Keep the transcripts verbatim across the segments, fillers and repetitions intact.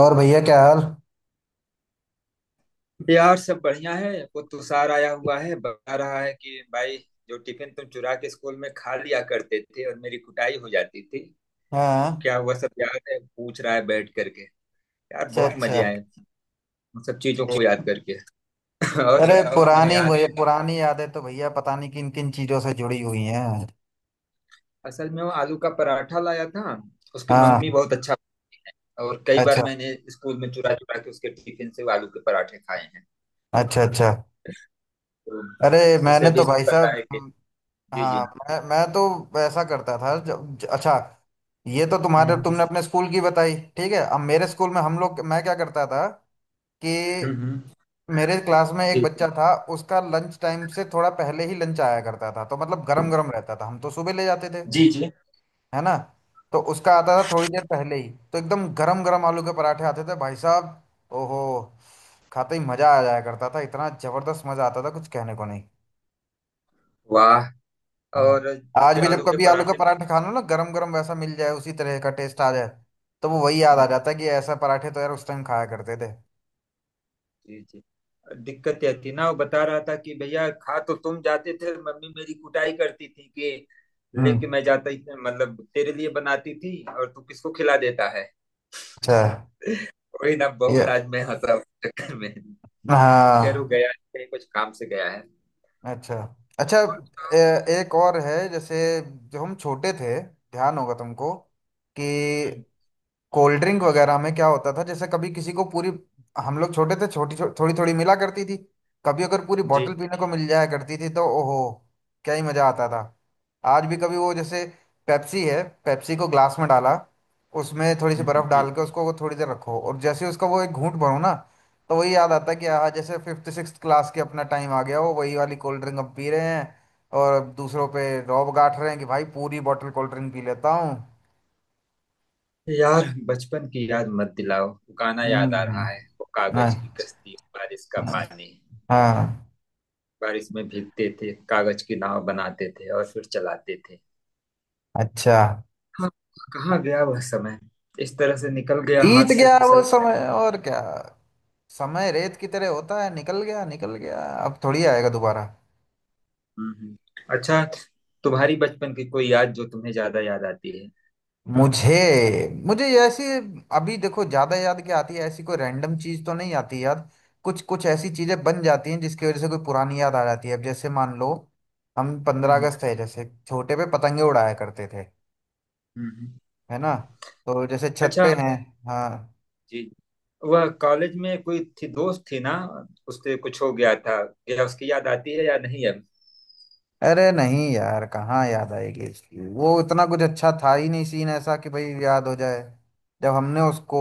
और भैया, क्या हाल। यार सब बढ़िया है। वो तुषार आया हुआ है, बता रहा है कि भाई जो टिफिन तुम चुरा के स्कूल में खा लिया करते थे और मेरी कुटाई हो जाती थी, हाँ। क्या हुआ सब याद है? पूछ रहा है बैठ करके। यार अच्छा बहुत अच्छा। मजे आए उन सब चीजों को याद करके। और अरे बताओ, तुम्हें पुरानी याद मुझे है? पुरानी यादें तो भैया, पता नहीं किन किन चीजों से जुड़ी हुई हैं। असल में वो आलू का पराठा लाया था। उसकी हाँ। मम्मी बहुत अच्छा बनाती है, और कई बार अच्छा। मैंने स्कूल में चुरा चुरा के उसके टिफिन से वो आलू के पराठे खाए हैं। अच्छा अच्छा। तो अरे उसे मैंने तो भी भाई पता साहब, है कि। हम्म, जी जी। हाँ। मैं मैं तो ऐसा करता था जब ज- अच्छा, ये तो हम्म तुम्हारे हम्म। तुमने अपने स्कूल की बताई। ठीक है, अब मेरे स्कूल में हम लोग, मैं क्या करता था कि हम्म, हम्म, मेरे क्लास में एक जी बच्चा था। उसका लंच टाइम से थोड़ा पहले ही लंच आया करता था, तो मतलब गरम गरम रहता था। हम तो सुबह ले जाते थे, जी। जी। है ना। तो उसका आता था थोड़ी देर पहले ही, तो एकदम गरम गरम आलू के पराठे आते थे भाई साहब। ओहो, खाते ही मजा आ जाया करता था। इतना जबरदस्त मजा आता था, कुछ कहने को नहीं। वाह। हाँ। और आज उसके भी जब आलू के कभी आलू का पराठे। पराठा खा लो ना गरम गरम, वैसा मिल जाए, उसी तरह का टेस्ट आ जाए, तो वो वही याद आ हम्म, जाता है कि ऐसा पराठे तो यार उस टाइम खाया करते थे। जी जी। दिक्कत यह थी ना, वो बता रहा था कि भैया खा तो तुम जाते थे, मम्मी मेरी कुटाई करती थी कि हम्म। लेके मैं जाता ही, मतलब तेरे लिए बनाती थी और तू किसको खिला देता है। अच्छा। वही ना, ये, बहुत आज मैं हंसा उस चक्कर में। खैर वो हाँ। गया नहीं, कहीं कुछ काम से गया है। अच्छा अच्छा। ए, एक और है। जैसे जब हम छोटे थे, ध्यान होगा तुमको, कि हम्म, कोल्ड ड्रिंक वगैरह में क्या होता था। जैसे कभी किसी को पूरी, हम लोग छोटे थे, छोटी छो, थोड़ी थोड़ी मिला करती थी। कभी अगर पूरी जी। बोतल पीने को मिल जाया करती थी, तो ओहो, क्या ही मजा आता था। आज भी कभी वो, जैसे पेप्सी है, पेप्सी को ग्लास में डाला, उसमें थोड़ी सी बर्फ हम्म, जी। डाल के उसको वो थोड़ी देर रखो, और जैसे ही उसका वो एक घूंट भरो ना, तो वही याद आता है कि हाँ, जैसे फिफ्थ सिक्स क्लास के अपना टाइम आ गया, वो वही वाली कोल्ड ड्रिंक अब पी रहे हैं, और दूसरों पे रौब गांठ रहे हैं कि भाई, पूरी बोतल कोल्ड ड्रिंक पी लेता हूँ। यार बचपन की याद मत दिलाओ, वो गाना याद आ हम्म। रहा है, वो हाँ। कागज की कश्ती बारिश का पानी। हाँ। बारिश में भीगते थे, कागज की नाव बनाते थे और फिर चलाते थे। अच्छा। हाँ। कहाँ गया वह समय, इस तरह से निकल गया, हाथ बीत से गया फिसल वो गया। समय, और क्या। समय रेत की तरह होता है, निकल गया निकल गया, अब थोड़ी आएगा दोबारा। हम्म, हम्म। अच्छा, तुम्हारी बचपन की कोई याद जो तुम्हें ज्यादा याद आती है? मुझे मुझे ऐसी, अभी देखो ज्यादा याद क्या आती है, ऐसी कोई रैंडम चीज तो नहीं आती याद। कुछ कुछ ऐसी चीजें बन जाती हैं जिसकी वजह से कोई पुरानी याद आ जाती है। अब जैसे मान लो, हम पंद्रह हम्म अगस्त है जैसे छोटे पे पतंगे उड़ाया करते थे, हम्म। है ना। तो जैसे छत अच्छा। पे हैं। हाँ। जी। वह कॉलेज में कोई थी, दोस्त थी ना, उससे कुछ हो गया था क्या? उसकी याद आती है या नहीं अब? अरे नहीं यार, कहाँ याद आएगी इसकी, वो इतना कुछ अच्छा था ही नहीं सीन ऐसा कि भाई याद हो जाए। जब हमने उसको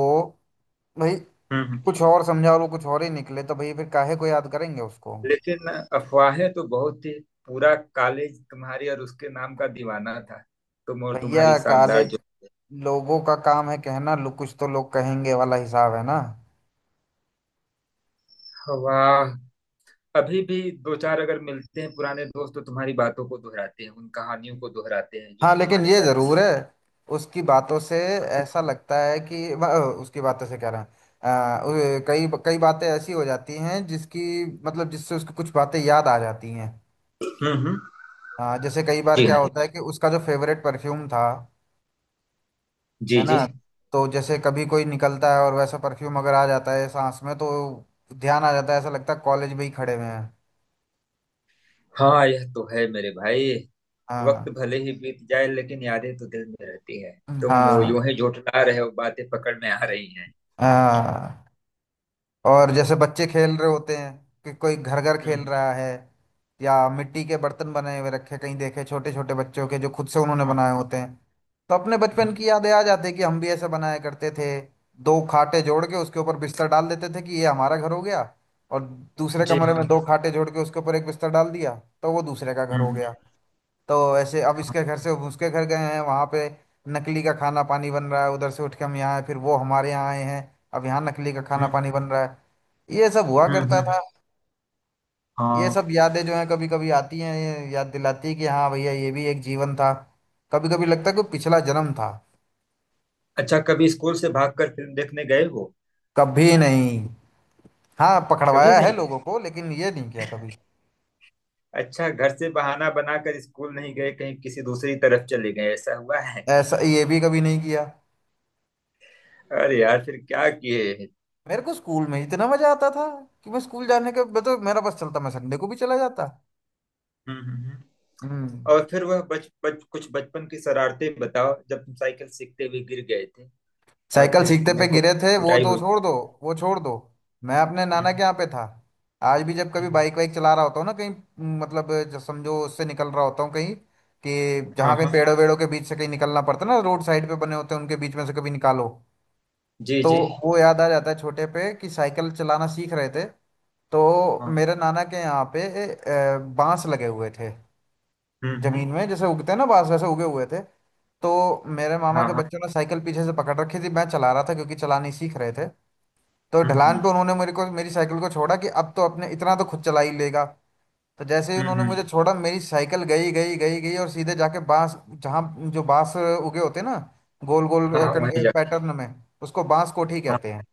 भाई हम्म कुछ और समझा, और वो कुछ और ही निकले, तो भाई फिर काहे को याद करेंगे उसको। लेकिन अफवाहें तो बहुत थी। पूरा कॉलेज तुम्हारी और उसके नाम का दीवाना था। तुम और तुम्हारी भैया काले शानदार जो। लोगों का काम है कहना, लो कुछ तो लोग कहेंगे वाला हिसाब है ना। वाह। अभी भी दो चार अगर मिलते हैं पुराने दोस्त, तो तुम्हारी बातों को दोहराते हैं, उन कहानियों को दोहराते हैं जो हाँ, लेकिन तुम्हारे ये साथ जुड़ी। जरूर है, उसकी बातों से ऐसा लगता है कि ब- उसकी बातों से कह रहे हैं, अ, उ- कई कई बातें ऐसी हो जाती हैं जिसकी मतलब जिससे उसको कुछ बातें याद आ जाती हैं। हम्म हम्म। हाँ, जैसे कई बार जी क्या हाँ। होता है कि उसका जो फेवरेट परफ्यूम था, जी है ना, जी। तो जैसे कभी कोई निकलता है और वैसा परफ्यूम अगर आ जाता है सांस में, तो ध्यान आ जाता है, ऐसा लगता है कॉलेज में ही खड़े हुए हैं। हाँ। यह तो है मेरे भाई। वक्त हाँ। भले ही बीत जाए लेकिन यादें तो दिल में रहती है। तुम हाँ। वो यूं ही झूठला रहे हो, बातें पकड़ में आ रही हैं। हाँ। और जैसे बच्चे खेल रहे होते हैं, कि कोई घर घर खेल हम्म। रहा है, या मिट्टी के बर्तन बनाए हुए रखे कहीं देखे, छोटे छोटे बच्चों के जो खुद से उन्होंने हाँ। बनाए होते हैं, तो अपने हम्म, बचपन की यादें आ जाती है कि हम भी ऐसे बनाया करते थे। दो खाटे जोड़ के उसके ऊपर बिस्तर डाल देते थे कि ये हमारा घर हो गया, और दूसरे जी कमरे हाँ। में दो खाटे जोड़ के उसके ऊपर एक बिस्तर डाल दिया, तो वो दूसरे का घर हो हम्म। गया। तो ऐसे अब हाँ। इसके घर से उसके घर गए हैं, वहाँ पे नकली का खाना पानी बन रहा है, उधर से उठ के हम यहाँ आए, फिर वो हमारे यहाँ आए हैं, अब यहाँ नकली का खाना हम्म पानी बन रहा है। ये सब हुआ हम्म, करता हम्म, था। ये हाँ। सब यादें जो हैं कभी कभी आती हैं, ये याद दिलाती है कि हाँ भैया, ये भी एक जीवन था। कभी कभी लगता है कि पिछला जन्म था। अच्छा, कभी स्कूल से भागकर फिल्म देखने गए हो? कभी नहीं। हाँ, कभी पकड़वाया है नहीं गए? लोगों को, लेकिन ये नहीं किया कभी। अच्छा, घर से बहाना बनाकर स्कूल नहीं गए, कहीं किसी दूसरी तरफ चले गए, ऐसा हुआ है? ऐसा ये भी कभी नहीं किया। अरे यार, फिर क्या किए? मेरे को स्कूल में इतना मजा आता था कि मैं स्कूल जाने के, मतलब मेरा बस चलता, मैं संडे को भी चला जाता। हम्म हम्म, हम्म। हम्म। और फिर वह बच बच कुछ बचपन की शरारतें बताओ, जब तुम साइकिल सीखते हुए गिर गए थे और साइकिल फिर सीखते पे तुम्हें खूब गिरे थे, वो कुटाई तो हुई। छोड़ दो, वो छोड़ दो। मैं अपने हम्म, नाना के हम्म, यहाँ पे था। आज भी जब कभी हम्म। बाइक वाइक चला रहा होता हूँ ना कहीं, म, मतलब जो समझो उससे निकल रहा होता हूँ कहीं, कि हाँ जहाँ कहीं हाँ। पेड़ों वेड़ों के बीच से कहीं निकलना पड़ता है ना, रोड साइड पे बने होते हैं, उनके बीच में से कभी निकालो, जी तो जी। वो याद आ जाता है छोटे पे, कि साइकिल चलाना सीख रहे थे तो हाँ। मेरे नाना के यहाँ पे अ, बांस लगे हुए थे। हम्म। हम्म, जमीन में जैसे उगते हैं ना बांस, वैसे उगे हुए थे। तो मेरे मामा हाँ के हाँ। बच्चों ने साइकिल पीछे से पकड़ रखी थी, मैं चला रहा था क्योंकि चलानी सीख रहे थे। तो हम्म ढलान हम्म पे उन्होंने मेरे को, मेरी साइकिल को छोड़ा कि अब तो अपने इतना तो खुद चला ही लेगा। तो जैसे ही हम्म, उन्होंने मुझे हम्म। छोड़ा, मेरी साइकिल गई गई गई गई और सीधे जाके बांस, जहाँ जो बांस उगे होते हैं ना, गोल गोल हाँ हाँ, वहीं जा। पैटर्न में, उसको बांस कोठी हाँ कहते हैं।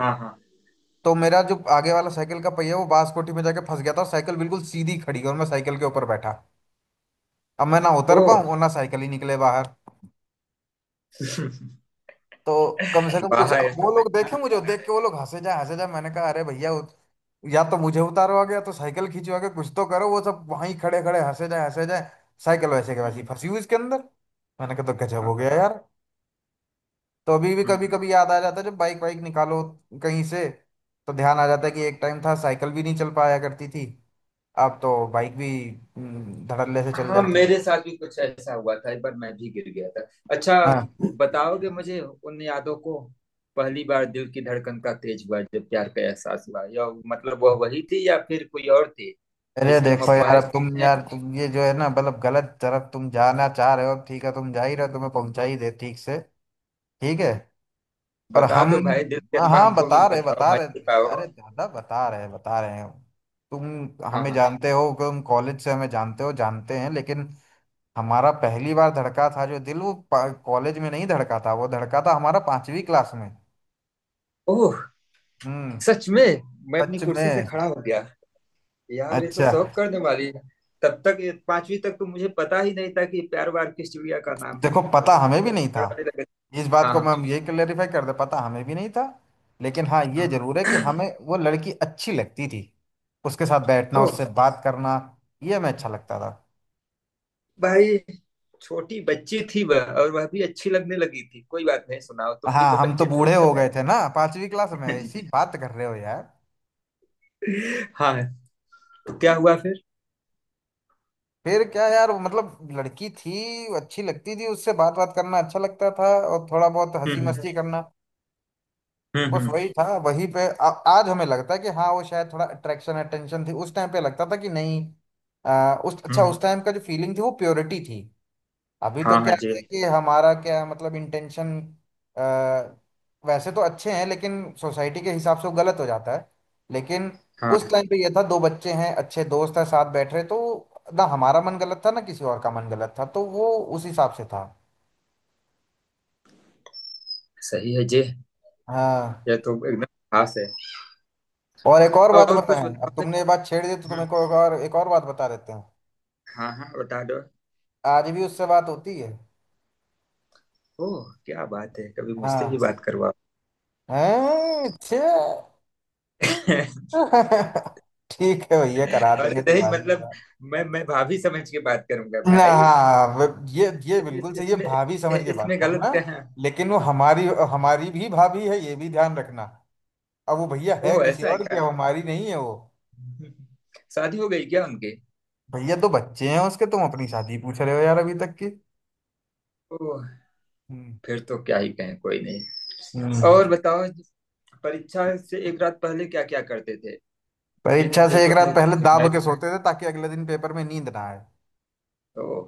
हाँ। हाँ। तो मेरा जो आगे वाला साइकिल का पहिया, वो बांस कोठी में जाके फंस गया था, और साइकिल बिल्कुल सीधी खड़ी, और मैं साइकिल के ऊपर बैठा। अब मैं ना ओ। उतर पाऊँ और ना साइकिल ही निकले बाहर। तो कम से कम कुछ, वाह, अब यह तो वो लोग मजेदार देखे, मुझे लगता देख है। के वो लोग हंसे जा हंसे जा। मैंने कहा अरे भैया, उत- या तो मुझे उतारो आगे, या तो साइकिल खींचो आगे, कुछ तो करो। वो सब वहीं खड़े खड़े हंसे जाए हंसे जाए, साइकिल वैसे के वैसी हम्म, फंसी हुई इसके अंदर। मैंने कहा तो गजब हाँ। हो हम्म गया यार। तो अभी भी कभी हम्म। कभी याद आ जाता है जब बाइक वाइक निकालो कहीं से, तो ध्यान आ जाता है कि एक टाइम था साइकिल भी नहीं चल पाया करती थी, अब तो बाइक भी हम्म, धड़ल्ले से चल हाँ, जाती मेरे साथ भी कुछ ऐसा हुआ था, एक बार मैं भी गिर गया था। अच्छा, है। बताओगे मुझे उन यादों को? पहली बार दिल की धड़कन का तेज हुआ जब प्यार का एहसास हुआ, या मतलब वह वही थी या फिर कोई और थी अरे जिसकी हम देखो यार, अफवाहें अब तुम सुनते हैं? यार, तुम ये जो है ना, मतलब गलत तरफ तुम जाना चाह रहे हो, अब ठीक है तुम जा ही रहे हो, तुम्हें पहुंचा ही दे ठीक से। ठीक है, और बता हम, दो भाई, दिल के हाँ अम्मा हाँ हमको भी बता रहे बताओ, बता रहे। मत पाओ। अरे दादा, बता रहे बता रहे हैं। तुम हाँ हमें हाँ। जानते हो कि तुम कॉलेज से हमें जानते हो, जानते हैं, लेकिन हमारा पहली बार धड़का था जो दिल, वो कॉलेज में नहीं धड़का था, वो धड़का था हमारा पांचवी क्लास में। ओह, हम्म। सच में? मैं अपनी सच कुर्सी से में। खड़ा हो गया। यार ये तो अच्छा, शौक करने वाली है। तब तक ये पांचवी तक तो मुझे पता ही नहीं था कि प्यार वार किस चिड़िया का नाम है। देखो और पता तुम हमें भी नहीं था, पकड़ाने लगे। इस बात हाँ को मैं, हाँ। हम यही क्लेरिफाई कर दे, पता हमें भी नहीं था। लेकिन हाँ ये हाँ। जरूर है कि हमें वो लड़की अच्छी लगती थी, उसके साथ बैठना, ओह। उससे बात करना, ये हमें अच्छा लगता था। भाई, छोटी बच्ची थी वह और वह भी अच्छी लगने लगी थी, कोई बात नहीं, सुनाओ, तुम भी हाँ, तो हम तो बच्चे थे उस बूढ़े हो गए समय। थे ना, पांचवी क्लास में ऐसी बात कर रहे हो यार। हाँ। तो क्या हुआ फिर? फिर क्या यार, वो मतलब लड़की थी, वो अच्छी लगती थी, उससे बात बात करना अच्छा लगता था, और थोड़ा बहुत हंसी हम्म मस्ती करना, हम्म बस हम्म वही था। वही पे आ, आज हमें लगता है कि हाँ, वो शायद थोड़ा अट्रैक्शन अटेंशन थी उस टाइम पे, लगता था कि नहीं, आ, उस अच्छा, हम्म, उस टाइम का जो फीलिंग थी वो प्योरिटी थी। अभी हाँ तो हाँ क्या जे। है कि हमारा क्या है, मतलब इंटेंशन वैसे तो अच्छे हैं, लेकिन सोसाइटी के हिसाब से वो गलत हो जाता है, लेकिन हाँ। उस टाइम पे ये था, दो बच्चे हैं, अच्छे दोस्त हैं, साथ बैठ रहे तो, ना हमारा मन गलत था, ना किसी और का मन गलत था, तो वो उस हिसाब से था। सही है जे। हाँ। यह तो एकदम खास है। और एक और बात और कुछ बताएं, अब बताओगे? तुमने ये बात छेड़ दी तो हम्म, तुम्हें को एक और एक और बात बता देते हैं। हाँ हाँ बता दो। आज भी उससे बात होती है। ओह, क्या बात है, कभी मुझसे हाँ। भी बात करवाओ। हैं, छे। ठीक है भैया, करा देंगे अरे नहीं, तुम्हारी मतलब बात। मैं मैं भाभी समझ के बात करूंगा ना भाई। इस, हाँ वो- ये ये इस, बिल्कुल सही है, इसमें, भाभी समझ के बात इसमें गलत करना, क्या है? लेकिन वो हाँ। हमारी, हमारी भी भाभी है, ये भी ध्यान रखना। अब वो भैया है ओह, किसी ऐसा और की, है, अब हमारी नहीं है वो। शादी हो गई क्या उनके? भैया तो बच्चे हैं उसके, तुम अपनी शादी पूछ रहे हो यार अभी तक की। ओह, हम्म। फिर तो क्या ही कहें, कोई नहीं। और हम्म। बताओ, परीक्षा से एक रात पहले क्या क्या करते थे? जिस परीक्षा दिन से एक पेपर रात होते पहले थे मैं दाब तो के सोते थे ताकि अगले दिन पेपर में नींद ना आए। तो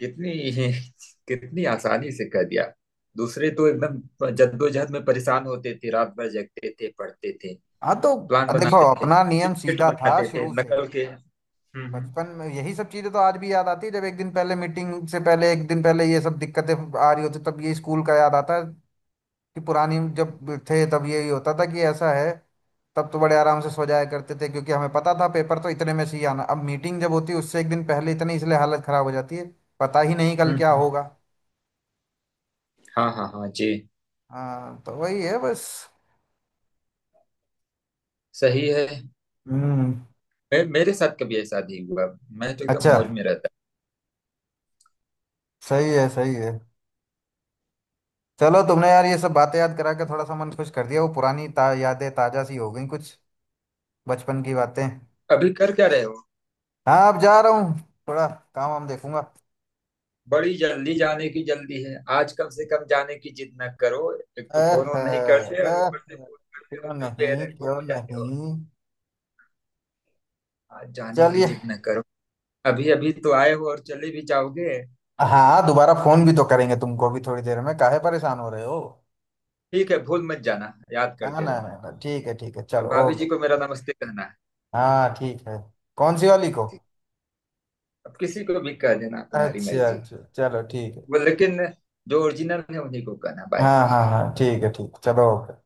कितनी कितनी आसानी से कह दिया। दूसरे तो एकदम जद्दोजहद में परेशान होते थे, रात भर जगते थे, पढ़ते थे, हाँ तो प्लान देखो, बनाते थे, अपना नियम चिट सीधा था बनाते थे शुरू से। नकल के। हम्म। हम्म। बचपन में यही सब चीजें तो आज भी याद आती है, जब एक दिन पहले मीटिंग से पहले एक दिन पहले ये सब दिक्कतें आ रही होती, तब ये स्कूल का याद आता है, कि पुरानी जब थे तब यही होता था, कि ऐसा है, तब तो बड़े आराम से सो जाया करते थे क्योंकि हमें पता था पेपर तो इतने में से ही आना। अब मीटिंग जब होती है उससे एक दिन पहले इतनी इसलिए हालत खराब हो जाती है, पता ही नहीं कल हम्म, क्या हम्म। होगा। हाँ हाँ हाँ जी। हाँ, तो वही है बस। सही है। हम्म। मे, मेरे साथ कभी ऐसा नहीं हुआ, मैं तो एकदम अच्छा। मौज में। सही है, सही है। चलो, तुमने यार ये सब बातें याद करा के थोड़ा सा मन खुश कर दिया, वो पुरानी ता, यादें ताजा सी हो गई कुछ, बचपन की बातें। अभी कर क्या रहे हो? हाँ, अब जा रहा हूँ, थोड़ा काम वाम देखूंगा। बड़ी जल्दी जाने की जल्दी है, आज कम से कम जाने की जिद न करो। एक तो अह, फोन वोन नहीं करते, और अह, ऊपर से फोन करते हो क्यों तो नहीं, फिर गुम क्यों हो जाते हो। नहीं। आज जाने की चलिए। जिद न करो। अभी अभी तो आए हो और चले भी जाओगे। हाँ, दोबारा फोन भी तो करेंगे तुमको भी थोड़ी देर में, काहे परेशान हो रहे हो। ठीक है, भूल मत जाना, याद ना ना करते ना रहना। ना, ठीक है ठीक है, और चलो भाभी ओके। जी को मेरा नमस्ते कहना है। हाँ ठीक है। कौन सी वाली को। ठीक। अब किसी को भी कह देना, तुम्हारी अच्छा मर्जी। अच्छा, चलो ठीक है। वो लेकिन जो ओरिजिनल है उन्हीं को कहना। बाय। हाँ हाँ हाँ ठीक है, ठीक, चलो ओके।